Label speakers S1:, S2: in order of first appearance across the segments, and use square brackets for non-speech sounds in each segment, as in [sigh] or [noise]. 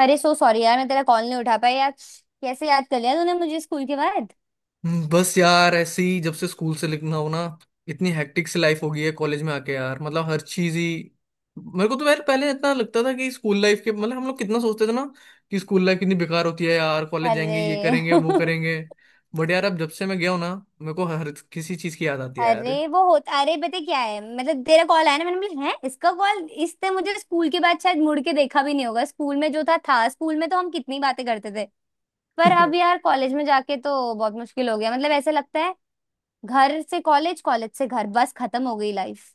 S1: अरे so sorry यार मैं तेरा कॉल नहीं उठा पाया यार। कैसे याद कर लिया तूने मुझे स्कूल के बाद।
S2: बस यार ऐसे ही जब से स्कूल से लिखना हो ना। इतनी हेक्टिक सी लाइफ हो गई है कॉलेज में आके यार, मतलब हर चीज ही। मेरे को तो यार पहले इतना लगता था कि स्कूल लाइफ के, मतलब हम लोग कितना सोचते थे ना कि स्कूल लाइफ कितनी बेकार होती है यार, कॉलेज जाएंगे ये
S1: अरे
S2: करेंगे वो
S1: [laughs]
S2: करेंगे। बट यार अब जब से मैं गया हूं ना, मेरे को हर किसी चीज की याद आती है यार।
S1: अरे वो होता अरे पता क्या है, मतलब तेरा कॉल आया ना, मैंने बोला है इसका कॉल। इसने मुझे स्कूल के बाद शायद मुड़ के देखा भी नहीं होगा, स्कूल में जो था, स्कूल में तो हम कितनी बातें करते थे। पर अब
S2: [laughs]
S1: यार कॉलेज में जाके तो बहुत मुश्किल हो गया, मतलब ऐसा लगता है। घर से कॉलेज, कॉलेज से घर, बस खत्म हो गई लाइफ।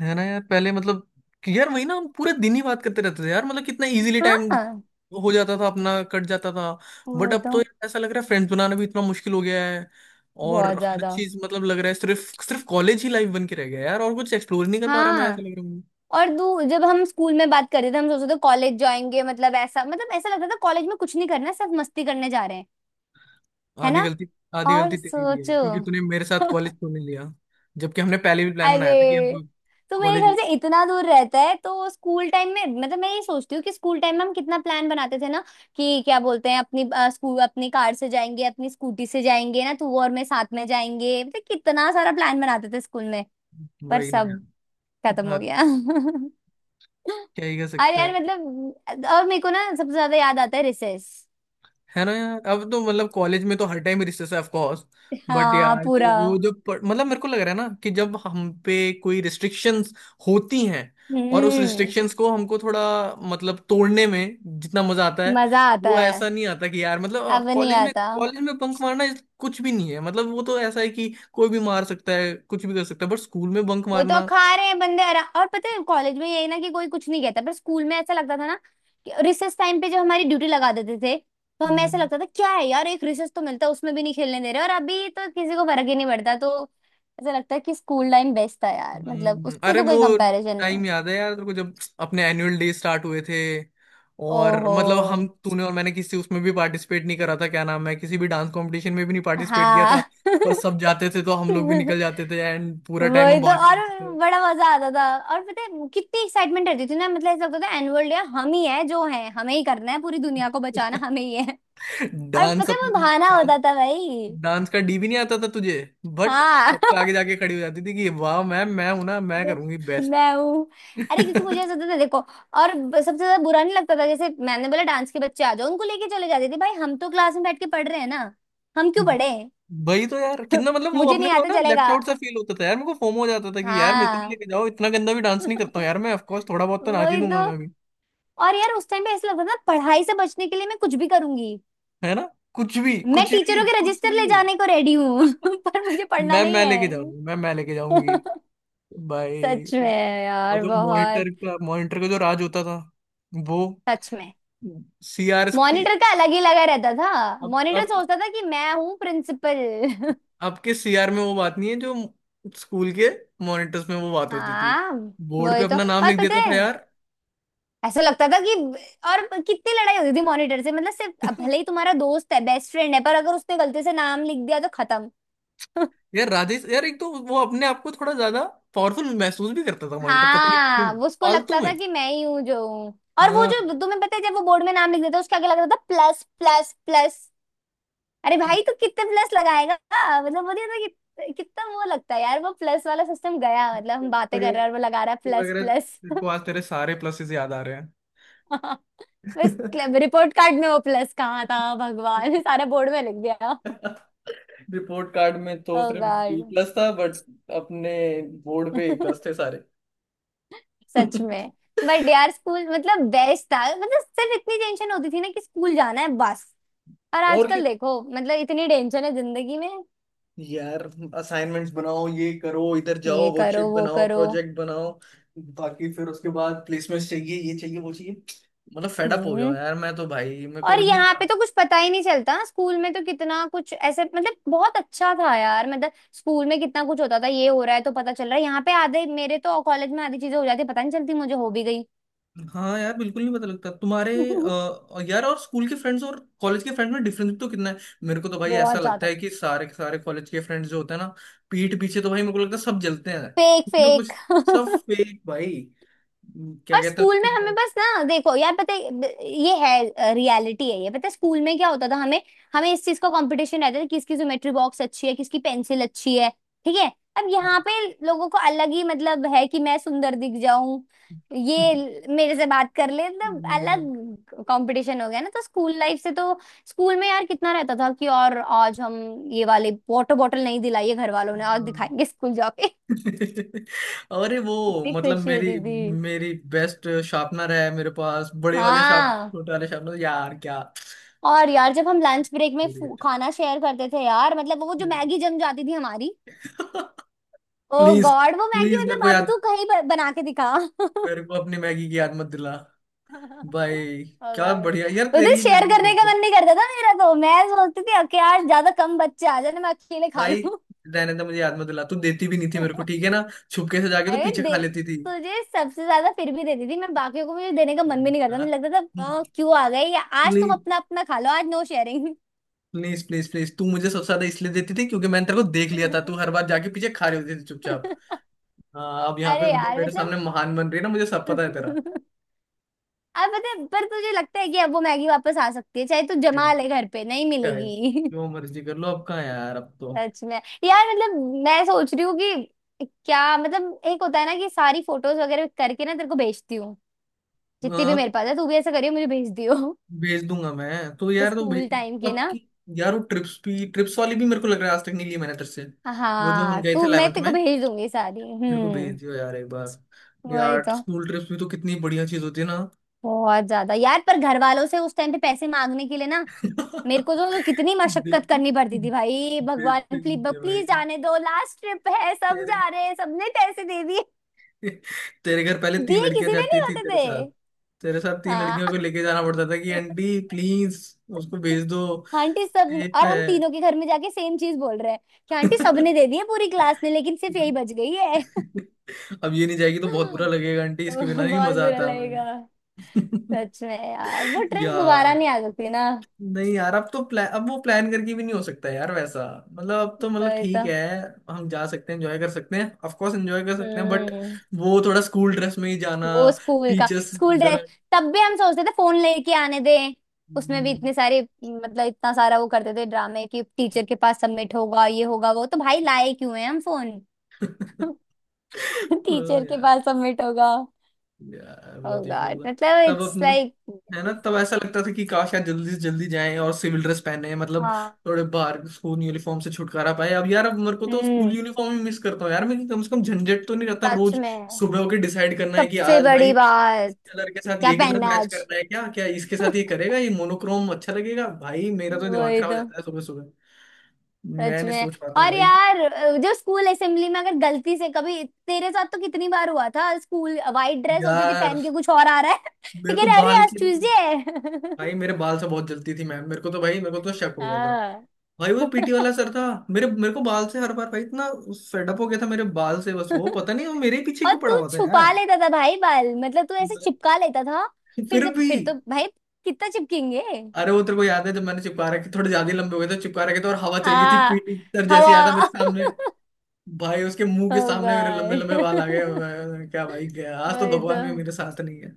S2: है ना यार, पहले मतलब कि यार वही ना, हम पूरे दिन ही बात करते रहते थे यार, मतलब कितना इजीली टाइम
S1: हाँ।
S2: हो जाता था, अपना कट जाता था। बट
S1: वो
S2: अब
S1: तो।
S2: तो यार ऐसा लग रहा है फ्रेंड्स बनाना भी इतना मुश्किल हो गया है। और
S1: बहुत
S2: हर
S1: ज्यादा।
S2: चीज मतलब लग रहा है सिर्फ सिर्फ कॉलेज ही लाइफ बन के रह गया है यार, और कुछ एक्सप्लोर नहीं कर पा रहा, मैं ऐसा
S1: हाँ।
S2: लग रहा हूँ।
S1: और दू जब हम स्कूल में बात कर रहे थे हम सोच रहे थे कॉलेज जाएंगे, मतलब ऐसा लगता था कॉलेज में कुछ नहीं करना है, सिर्फ मस्ती करने जा रहे हैं। है
S2: आधी
S1: ना।
S2: गलती आधी
S1: और
S2: गलती तेरी भी है
S1: सोचो।
S2: क्योंकि तूने मेरे साथ कॉलेज
S1: [laughs]
S2: क्यों नहीं लिया। जबकि हमने पहले भी प्लान बनाया था कि
S1: अरे
S2: हम
S1: तो मेरे
S2: कॉलेज।
S1: घर से इतना दूर रहता है, तो स्कूल टाइम में, मतलब मैं ये सोचती हूँ कि स्कूल टाइम में हम कितना प्लान बनाते थे ना। कि क्या बोलते हैं अपनी स्कूल अपनी कार से जाएंगे, अपनी स्कूटी से जाएंगे ना, तू और मैं साथ में जाएंगे, मतलब कितना सारा प्लान बनाते थे स्कूल में। पर
S2: वही ना
S1: सब
S2: यार।
S1: खत्म हो
S2: हाँ,
S1: गया।
S2: क्या ही कर
S1: [laughs] अरे
S2: सकते
S1: यार
S2: हैं।
S1: मतलब, और मेरे को ना सबसे ज्यादा याद आता है रिसेस।
S2: है ना यार, अब तो मतलब कॉलेज में तो हर टाइम रिसेस है ऑफ कोर्स। बट
S1: हाँ
S2: यार जो
S1: पूरा।
S2: वो जो प- मतलब मेरे को लग रहा है ना कि जब हम पे कोई रिस्ट्रिक्शंस होती हैं और उस
S1: हम्म।
S2: रिस्ट्रिक्शंस को हमको थोड़ा, मतलब तोड़ने में जितना मजा आता है
S1: मजा आता
S2: वो
S1: है।
S2: ऐसा नहीं आता कि यार मतलब
S1: अब नहीं
S2: कॉलेज में
S1: आता।
S2: कॉलेज में बंक मारना कुछ भी नहीं है। मतलब वो तो ऐसा है कि कोई भी मार सकता है, कुछ भी कर सकता है। बट स्कूल में बंक
S1: वो तो
S2: मारना।
S1: खा रहे हैं बंदे आरा, और पता है कॉलेज में यही ना कि कोई कुछ नहीं कहता, पर स्कूल में ऐसा लगता था ना कि रिसेस टाइम पे जो हमारी ड्यूटी लगा देते थे, तो हमें ऐसा
S2: हम्म।
S1: लगता था क्या है यार, एक रिसेस तो मिलता है उसमें भी नहीं खेलने दे रहे, और अभी तो किसी को फर्क ही नहीं पड़ता, तो ऐसा लगता है कि स्कूल टाइम बेस्ट था यार, मतलब उससे
S2: अरे
S1: तो
S2: वो
S1: कोई कंपैरिजन नहीं
S2: टाइम
S1: है।
S2: याद है यार तेरे को, जब अपने एनुअल डे स्टार्ट हुए थे और
S1: ओहो।
S2: मतलब हम, तूने और मैंने किसी उसमें भी पार्टिसिपेट नहीं करा था, क्या नाम है, किसी भी डांस कंपटीशन में भी नहीं पार्टिसिपेट किया था।
S1: हाँ। [laughs]
S2: पर सब जाते थे तो हम लोग भी निकल जाते थे, एंड पूरा टाइम
S1: वही
S2: हम
S1: तो।
S2: बाहर ही
S1: और
S2: रहते
S1: बड़ा मजा आता था। और पता है कितनी एक्साइटमेंट रहती थी ना, मतलब ऐसा लगता था एनुअल डे हम ही है जो है, हमें ही करना है, पूरी दुनिया को बचाना
S2: थे।
S1: हमें ही है।
S2: [laughs]
S1: और
S2: डांस
S1: पता है वो
S2: अपनी
S1: बहाना
S2: डांस
S1: होता था भाई।
S2: डांस का डी भी नहीं आता था तुझे। बट
S1: हाँ।
S2: सबसे
S1: [laughs]
S2: आगे जाके खड़ी हो जाती थी कि, वाह मैम मैं हूं ना, मैं करूंगी
S1: तो
S2: बेस्ट।
S1: मैं हूँ। अरे क्योंकि मुझे ऐसा
S2: [laughs]
S1: होता था, देखो, और सबसे ज्यादा बुरा नहीं लगता था, जैसे मैंने बोला डांस के बच्चे आ जाओ, उनको लेके चले जाते थे भाई, हम तो क्लास में बैठ के पढ़ रहे हैं ना। हम क्यों पढ़े।
S2: भाई तो यार कितना, मतलब वो
S1: मुझे
S2: अपने
S1: नहीं
S2: को
S1: आता
S2: ना लेफ्ट
S1: चलेगा।
S2: आउट सा फील होता था यार, मेरे को फोमो हो जाता था कि यार मेरे को भी
S1: हाँ।
S2: लेके जाओ, इतना गंदा भी डांस नहीं करता हूँ यार मैं, ऑफ कोर्स थोड़ा बहुत तो नाच ही
S1: वही तो।
S2: दूंगा मैं भी।
S1: और यार उस टाइम पे ऐसा लगता था ना, पढ़ाई से बचने के लिए मैं कुछ भी करूंगी।
S2: है ना, कुछ भी
S1: मैं
S2: कुछ
S1: टीचरों
S2: भी
S1: के
S2: कुछ
S1: रजिस्टर
S2: भी
S1: ले
S2: हो।
S1: जाने को रेडी हूँ, [laughs] पर मुझे
S2: [laughs]
S1: पढ़ना
S2: मैं
S1: नहीं
S2: मैं लेके
S1: है।
S2: जाऊंगी, मैं लेके
S1: [laughs]
S2: जाऊंगी भाई।
S1: सच में
S2: और
S1: यार
S2: जो
S1: बहुत।
S2: मॉनिटर का जो राज होता था वो,
S1: सच में।
S2: सीआर की।
S1: मॉनिटर का अलग ही लगा रहता था।
S2: अब
S1: मॉनिटर
S2: अब
S1: सोचता था कि मैं हूँ प्रिंसिपल। [laughs]
S2: आपके सीआर में वो बात नहीं है जो स्कूल के मॉनिटर्स में वो बात होती थी।
S1: हाँ।
S2: बोर्ड
S1: वही
S2: पे
S1: तो।
S2: अपना नाम
S1: और
S2: लिख
S1: पता
S2: देता था
S1: है
S2: यार।
S1: ऐसा लगता था कि, और कितनी लड़ाई होती थी मॉनिटर से, मतलब सिर्फ, भले ही
S2: [laughs]
S1: तुम्हारा दोस्त है, बेस्ट फ्रेंड है, पर अगर उसने गलती से नाम लिख दिया तो खत्म। [laughs]
S2: यार राजेश यार, एक तो वो अपने आप को थोड़ा ज्यादा पावरफुल महसूस भी करता था, कमांडर, पता नहीं
S1: हाँ,
S2: क्यों,
S1: वो उसको
S2: फालतू
S1: लगता था
S2: में।
S1: कि मैं ही हूँ जो हूँ। और वो
S2: हाँ। [laughs]
S1: जो तुम्हें पता है जब वो बोर्ड में नाम लिख देता उसके आगे लग रहा था प्लस प्लस प्लस। अरे भाई तू कितने प्लस लगाएगा। मतलब वो नहीं होता कि कितना वो लगता है यार, वो प्लस वाला सिस्टम गया, मतलब हम बातें
S2: लग
S1: कर
S2: रहा
S1: रहे हैं और वो लगा रहा है
S2: लग
S1: प्लस
S2: रहा है
S1: प्लस।
S2: तेरे को आज तेरे सारे प्लसेस याद आ रहे हैं।
S1: [laughs] बस। रिपोर्ट कार्ड में वो प्लस कहाँ था भगवान, सारा बोर्ड में लिख गया।
S2: [laughs] रिपोर्ट कार्ड में तो
S1: ओ
S2: सिर्फ बी
S1: गॉड।
S2: प्लस था, बट अपने बोर्ड पे ए प्लस
S1: [laughs]
S2: थे सारे।
S1: सच
S2: [laughs]
S1: में। बट यार स्कूल मतलब बेस्ट था, मतलब सिर्फ इतनी टेंशन होती थी ना कि स्कूल जाना है बस। और
S2: और
S1: आजकल देखो, मतलब इतनी टेंशन है जिंदगी में,
S2: यार, असाइनमेंट्स बनाओ, ये करो, इधर जाओ,
S1: ये करो
S2: वर्कशीट
S1: वो
S2: बनाओ,
S1: करो।
S2: प्रोजेक्ट बनाओ। बाकी फिर उसके बाद प्लेसमेंट चाहिए, ये चाहिए, वो चाहिए। मतलब फेडअप हो गया
S1: हम्म।
S2: हूँ यार मैं तो भाई, मेरे को
S1: और
S2: अब इतनी
S1: यहाँ पे
S2: यार।
S1: तो कुछ पता ही नहीं चलता, स्कूल में तो कितना कुछ ऐसे, मतलब बहुत अच्छा था यार, मतलब स्कूल में कितना कुछ होता था, ये हो रहा है तो पता चल रहा है, यहाँ पे आधे मेरे तो कॉलेज में आधी चीजें हो जाती पता नहीं चलती मुझे, हो भी गई।
S2: हाँ यार, बिल्कुल नहीं पता लगता तुम्हारे,
S1: [laughs]
S2: यार और स्कूल के फ्रेंड्स और कॉलेज के फ्रेंड्स में डिफरेंस तो कितना है। मेरे को तो भाई ऐसा
S1: बहुत
S2: लगता
S1: ज्यादा।
S2: है कि सारे के सारे कॉलेज के फ्रेंड्स जो होते हैं ना, पीठ पीछे तो भाई मेरे को लगता है सब जलते हैं
S1: फेक
S2: कुछ ना
S1: फेक।
S2: कुछ। सब
S1: [laughs]
S2: फेक भाई, क्या
S1: और
S2: कहते हैं
S1: स्कूल में हमें
S2: उसको।
S1: बस ना देखो यार पता है ये है, रियलिटी है ये, पता है स्कूल में क्या होता था हमें। हमें इस चीज का कंपटीशन रहता था किसकी ज्योमेट्री बॉक्स अच्छी है, किसकी पेंसिल अच्छी है। ठीक है। अब यहाँ पे लोगों को अलग ही मतलब है कि मैं सुंदर दिख जाऊं, ये मेरे से बात कर ले, मतलब
S2: [laughs]
S1: अलग कंपटीशन हो गया ना, तो स्कूल लाइफ से तो स्कूल में यार कितना रहता था कि, और आज हम ये वाले वाटर बॉटल नहीं दिलाई है घर वालों ने और
S2: हाँ।
S1: दिखाएंगे स्कूल जाके। [laughs]
S2: [laughs] अरे वो,
S1: कितनी
S2: मतलब
S1: खुशी
S2: मेरी
S1: होती थी।
S2: मेरी बेस्ट शार्पनर है मेरे पास, बड़े वाले शार्पनर,
S1: हाँ।
S2: छोटे वाले शार्पनर, यार क्या
S1: और यार जब हम लंच ब्रेक में
S2: idiot
S1: खाना शेयर करते थे यार, मतलब वो जो
S2: है।
S1: मैगी जम जाती थी हमारी।
S2: [laughs]
S1: ओ
S2: प्लीज,
S1: गॉड वो मैगी,
S2: प्लीज
S1: मतलब अब तू कहीं बना के दिखा। [laughs]
S2: मेरे को अपनी मैगी की याद मत दिला भाई।
S1: ओ
S2: क्या
S1: गॉड।
S2: बढ़िया यार
S1: उस दिन
S2: तेरी
S1: शेयर
S2: मैगी
S1: करने
S2: बहुत
S1: का मन
S2: बढ़िया।
S1: नहीं करता था मेरा, तो मैं सोचती थी कि यार ज्यादा कम बच्चे आ जाए ना मैं अकेले खा
S2: भाई
S1: लूं।
S2: रहने, तो मुझे याद मत दिला, तू देती भी नहीं थी मेरे को,
S1: [laughs]
S2: ठीक है ना। छुपके से जाके तो
S1: अरे
S2: पीछे खा
S1: दे,
S2: लेती थी।
S1: तुझे सबसे ज्यादा फिर भी देती थी मैं, बाकियों को मुझे देने का मन भी नहीं करता, मुझे लगता था क्यों आ गए या आज, तुम
S2: प्लीज,
S1: अपना अपना खा लो, आज no sharing."
S2: Please, please, please तू मुझे सबसे ज्यादा इसलिए देती थी क्योंकि मैंने तेरे को देख लिया था, तू
S1: [laughs]
S2: हर बार जाके पीछे खा रही होती थी चुपचाप। हाँ, अब यहाँ पे
S1: अरे
S2: जो
S1: यार
S2: मेरे सामने महान बन रही है ना, मुझे सब पता है तेरा।
S1: मतलब। [laughs] अब पता है पर तुझे लगता है कि अब वो मैगी वापस आ सकती है, चाहे तू
S2: हम्म।
S1: जमा ले
S2: क्या
S1: घर पे नहीं
S2: है,
S1: मिलेगी। [laughs]
S2: जो मर्जी कर लो, अब कहाँ यार, अब तो।
S1: सच में यार, मतलब मैं सोच रही हूँ कि क्या, मतलब एक होता है ना कि सारी फोटोज वगैरह करके ना तेरे को भेजती हूँ,
S2: अ,
S1: जितनी भी मेरे पास है, तू भी ऐसा करियो मुझे भेज दियो। [laughs]
S2: भेज दूंगा मैं तो
S1: तो
S2: यार, तो
S1: स्कूल
S2: भेज
S1: टाइम के
S2: अब
S1: ना।
S2: की। यार वो ट्रिप्स वाली भी मेरे को लग रहा है आज तक नहीं ली मैंने तेरे से। वो जो हम
S1: हाँ
S2: गए थे
S1: तू, मैं
S2: 11th
S1: तेरे को
S2: में,
S1: भेज दूंगी सारी।
S2: मेरे को भेज
S1: हम्म।
S2: दियो यार एक बार,
S1: वही
S2: यार
S1: तो।
S2: स्कूल ट्रिप्स भी तो कितनी बढ़िया चीज होती है ना।
S1: बहुत ज्यादा यार, पर घर वालों से उस टाइम पे पैसे मांगने के लिए ना, मेरे को
S2: [laughs]
S1: तो कितनी मशक्कत
S2: देते
S1: करनी पड़ती थी भाई,
S2: देते
S1: भगवान
S2: ही
S1: प्लीज
S2: थे भाई,
S1: प्लीज जाने दो, लास्ट ट्रिप है, सब
S2: तेरे।
S1: जा रहे हैं, सबने पैसे दे दिए,
S2: [laughs] तेरे घर पहले तीन
S1: दिए किसी
S2: लड़कियां
S1: ने नहीं
S2: जाती थी
S1: होते
S2: तेरे
S1: थे।
S2: साथ। तेरे साथ तीन लड़कियों
S1: हाँ।
S2: को लेके जाना पड़ता था कि, आंटी प्लीज उसको भेज दो,
S1: [laughs] आंटी सब,
S2: सेफ
S1: और
S2: है।
S1: हम तीनों के घर में जाके सेम चीज बोल रहे हैं कि आंटी
S2: [laughs]
S1: सबने दे दिए पूरी क्लास ने, लेकिन सिर्फ यही बच गई है। [laughs]
S2: अब ये नहीं जाएगी तो बहुत बुरा लगेगा आंटी,
S1: तो
S2: इसके बिना नहीं
S1: बहुत
S2: मजा
S1: बुरा
S2: आता
S1: लगेगा।
S2: हमें।
S1: सच में यार, वो
S2: [laughs]
S1: ट्रिप दोबारा नहीं
S2: यार,
S1: आ सकती ना।
S2: नहीं यार, अब वो प्लान करके भी नहीं हो सकता यार वैसा। मतलब अब तो, मतलब
S1: वही तो।
S2: ठीक है, हम जा सकते हैं एंजॉय कर सकते हैं ऑफ कोर्स, एंजॉय कर सकते हैं, बट
S1: हम्म।
S2: वो थोड़ा स्कूल ड्रेस में ही जाना,
S1: वो स्कूल का
S2: टीचर्स
S1: स्कूल ड्रेस। तब भी हम सोचते थे फोन लेके आने दें, उसमें
S2: डरा।
S1: भी इतने सारे, मतलब इतना सारा वो करते थे ड्रामे कि टीचर के पास सबमिट होगा, ये होगा वो, तो भाई लाए क्यों है हम फोन।
S2: [laughs]
S1: [laughs]
S2: ओ
S1: टीचर के
S2: यार,
S1: पास सबमिट होगा।
S2: यार
S1: ओ
S2: बहुत
S1: गॉड,
S2: इश्यूज है।
S1: मतलब
S2: तब
S1: इट्स
S2: अपन,
S1: लाइक।
S2: है ना तब ऐसा लगता था कि काश यार जल्दी से जल्दी जाएं और सिविल ड्रेस पहने। मतलब
S1: हाँ।
S2: थोड़े बाहर स्कूल यूनिफॉर्म से छुटकारा पाए। अब यार, अब मेरे को तो स्कूल
S1: हम्म।
S2: यूनिफॉर्म ही मिस करता हूँ यार मैं, कि कम से कम झंझट तो नहीं रहता
S1: सच
S2: रोज
S1: में।
S2: सुबह होके डिसाइड करना है कि
S1: सबसे
S2: आज भाई
S1: बड़ी
S2: इस
S1: बात
S2: कलर के साथ
S1: क्या
S2: ये कलर
S1: पहनना है
S2: मैच
S1: आज।
S2: करना है, क्या क्या इसके साथ ये
S1: [laughs]
S2: करेगा, ये मोनोक्रोम अच्छा लगेगा, भाई मेरा तो दिमाग
S1: वही
S2: खराब हो
S1: तो।
S2: जाता है सुबह सुबह। मैं
S1: सच
S2: नहीं
S1: में।
S2: सोच पाता हूँ
S1: और
S2: भाई।
S1: यार जो स्कूल असेंबली में अगर गलती से कभी, तेरे साथ तो कितनी बार हुआ था, स्कूल वाइट ड्रेस होती थी,
S2: यार
S1: पहन के कुछ और आ रहा है। [laughs]
S2: मेरे
S1: ठीक है,
S2: को
S1: अरे
S2: बाल
S1: आज
S2: के
S1: ट्यूसडे है।
S2: भाई
S1: [laughs]
S2: मेरे बाल से बहुत जलती थी मैम। मेरे को तो शक हो गया था
S1: हाँ।
S2: भाई, वो पीटी वाला सर था। मेरे मेरे को बाल से हर बार भाई, इतना फेडअप हो गया था मेरे बाल से, बस वो
S1: [laughs]
S2: पता नहीं वो मेरे ही पीछे
S1: और
S2: क्यों पड़ा
S1: तू
S2: हुआ था
S1: छुपा
S2: यार।
S1: लेता था भाई बाल, मतलब तू ऐसे चिपका
S2: [laughs]
S1: लेता था। फिर
S2: फिर
S1: जब
S2: भी,
S1: फिर तो भाई कितना चिपकेंगे।
S2: अरे वो तेरे को याद है जब मैंने चिपका रखे थोड़े ज्यादा ही लंबे हो गए थे, चिपका रखे थे और हवा चल गई थी,
S1: हाँ
S2: पीटी सर जैसे आया था मेरे
S1: हवा।
S2: सामने।
S1: [laughs]
S2: भाई उसके मुंह
S1: ओ
S2: के सामने मेरे लंबे लंबे बाल आ गए,
S1: गॉड।
S2: क्या भाई गया
S1: [laughs]
S2: आज तो,
S1: वही तो।
S2: भगवान भी मेरे साथ नहीं है।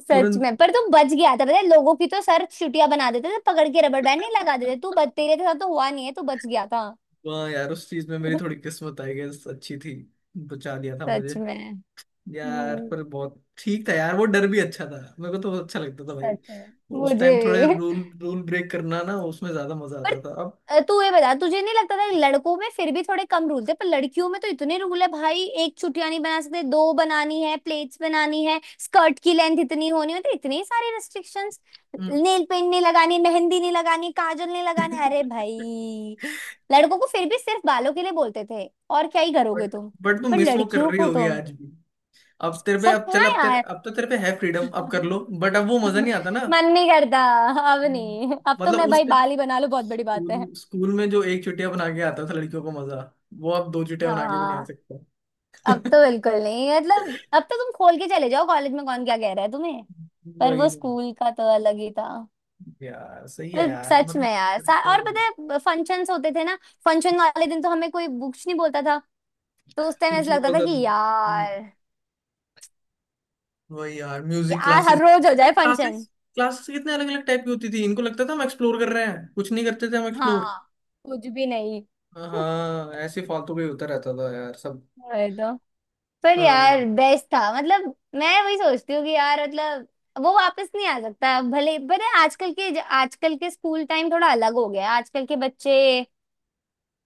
S1: सच
S2: तुरंत।
S1: में। पर तू बच गया था, पता है लोगों की तो सर चुटिया बना देते थे पकड़ के, रबर बैंड नहीं लगा देते, तू
S2: [laughs]
S1: बच, तेरे साथ तो हुआ नहीं है, तू बच गया था।
S2: वाह यार, उस चीज में मेरी थोड़ी
S1: [laughs]
S2: किस्मत, आई गेस, अच्छी थी, बचा लिया था मुझे।
S1: सच में।
S2: यार
S1: हम्म।
S2: पर बहुत ठीक था यार, वो डर भी अच्छा था, मेरे को तो बहुत अच्छा लगता था भाई।
S1: सच में।
S2: उस
S1: मुझे
S2: टाइम थोड़े
S1: भी।
S2: रूल रूल ब्रेक करना ना, उसमें ज्यादा मजा
S1: पर
S2: आता था अब।
S1: तू ये बता तुझे नहीं लगता था कि लड़कों में फिर भी थोड़े कम रूल थे, पर लड़कियों में तो इतने रूल है भाई, एक छुटिया नहीं बना सकते, दो बनानी है, प्लेट्स बनानी है, स्कर्ट की लेंथ इतनी होनी है, तो इतने सारे रेस्ट्रिक्शंस। नेल पेंट नहीं लगानी, मेहंदी नहीं लगानी, काजल नहीं लगानी, अरे भाई। लड़कों को फिर भी सिर्फ बालों के लिए बोलते थे, और क्या ही करोगे
S2: बट
S1: तुम।
S2: बट [laughs] तुम
S1: पर
S2: मिस वो कर
S1: लड़कियों
S2: रही
S1: को
S2: होगी
S1: तो
S2: आज भी।
S1: सच में, हाँ यार।
S2: अब तो तेरे पे है फ्रीडम, अब कर लो, बट अब वो मजा नहीं आता ना।
S1: [laughs] मन नहीं करता। अब
S2: हम्म।
S1: नहीं। अब तो
S2: मतलब
S1: मैं भाई
S2: उस टाइम
S1: बाल ही बना लूं बहुत बड़ी बात है।
S2: स्कूल स्कूल में जो एक चुटिया बना के आता था लड़कियों को मजा, वो अब दो चुटिया बना के भी नहीं आ
S1: हाँ।
S2: सकता।
S1: अब तो
S2: [laughs]
S1: बिल्कुल नहीं, मतलब अब तो तुम खोल के चले जाओ, कॉलेज में कौन क्या कह रहा है तुम्हें। पर
S2: वही
S1: वो
S2: नहीं
S1: स्कूल का तो अलग ही था।
S2: यार, सही है
S1: मतलब
S2: यार,
S1: सच में यार और पता
S2: मतलब
S1: है फंक्शंस होते थे ना। फंक्शन वाले दिन तो हमें कोई बुक्स नहीं बोलता था, तो उस टाइम
S2: कुछ
S1: ऐसा
S2: नहीं
S1: लगता था
S2: बोलता
S1: कि
S2: था।
S1: यार,
S2: वही यार म्यूजिक
S1: यार हर
S2: क्लासेस।
S1: रोज हो
S2: भाई
S1: जाए फंक्शन।
S2: क्लासेस क्लासेस कितने अलग अलग टाइप की होती थी, इनको लगता था हम एक्सप्लोर कर रहे हैं, कुछ नहीं करते थे हम एक्सप्लोर।
S1: हाँ कुछ भी नहीं।
S2: हाँ, ऐसे फालतू का ही होता रहता था यार सब।
S1: वही तो। पर यार
S2: हाँ,
S1: बेस्ट था, मतलब मैं वही सोचती हूँ कि यार मतलब, वो वापस नहीं आ सकता भले, पर आजकल के स्कूल टाइम थोड़ा अलग हो गया है। आजकल के बच्चे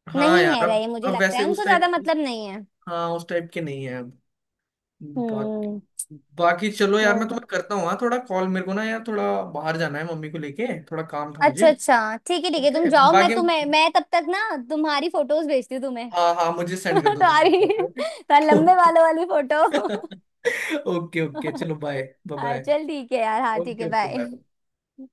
S2: हाँ
S1: नहीं
S2: यार,
S1: है
S2: अब
S1: रही, मुझे
S2: अब
S1: लगता
S2: वैसे
S1: है
S2: उस
S1: उनको
S2: टाइप
S1: ज्यादा
S2: के,
S1: मतलब नहीं है।
S2: हाँ उस टाइप के नहीं है अब। बाकी,
S1: हम्म।
S2: बाकी चलो यार
S1: बोल
S2: मैं
S1: दो।
S2: तुम्हें करता हूँ हाँ थोड़ा कॉल, मेरे को ना यार थोड़ा बाहर जाना है, मम्मी को लेके थोड़ा काम था
S1: अच्छा
S2: मुझे।
S1: अच्छा ठीक है तुम
S2: ओके,
S1: जाओ, मैं
S2: बाकी
S1: तुम्हें, मैं तब तक ना तुम्हारी फोटोज भेजती हूँ तुम्हें।
S2: हाँ, हाँ मुझे
S1: [laughs]
S2: सेंड कर दो तुम,
S1: तुम्हारी,
S2: ओके।
S1: तुम्हारे
S2: [laughs]
S1: लंबे
S2: ओके।
S1: बालों वाली फोटो।
S2: [laughs] ओके, ओके
S1: [laughs]
S2: चलो बाय, बाय,
S1: हाँ
S2: बाय।
S1: चल ठीक है यार, हाँ ठीक है
S2: ओके, ओके, बाय।
S1: बाय।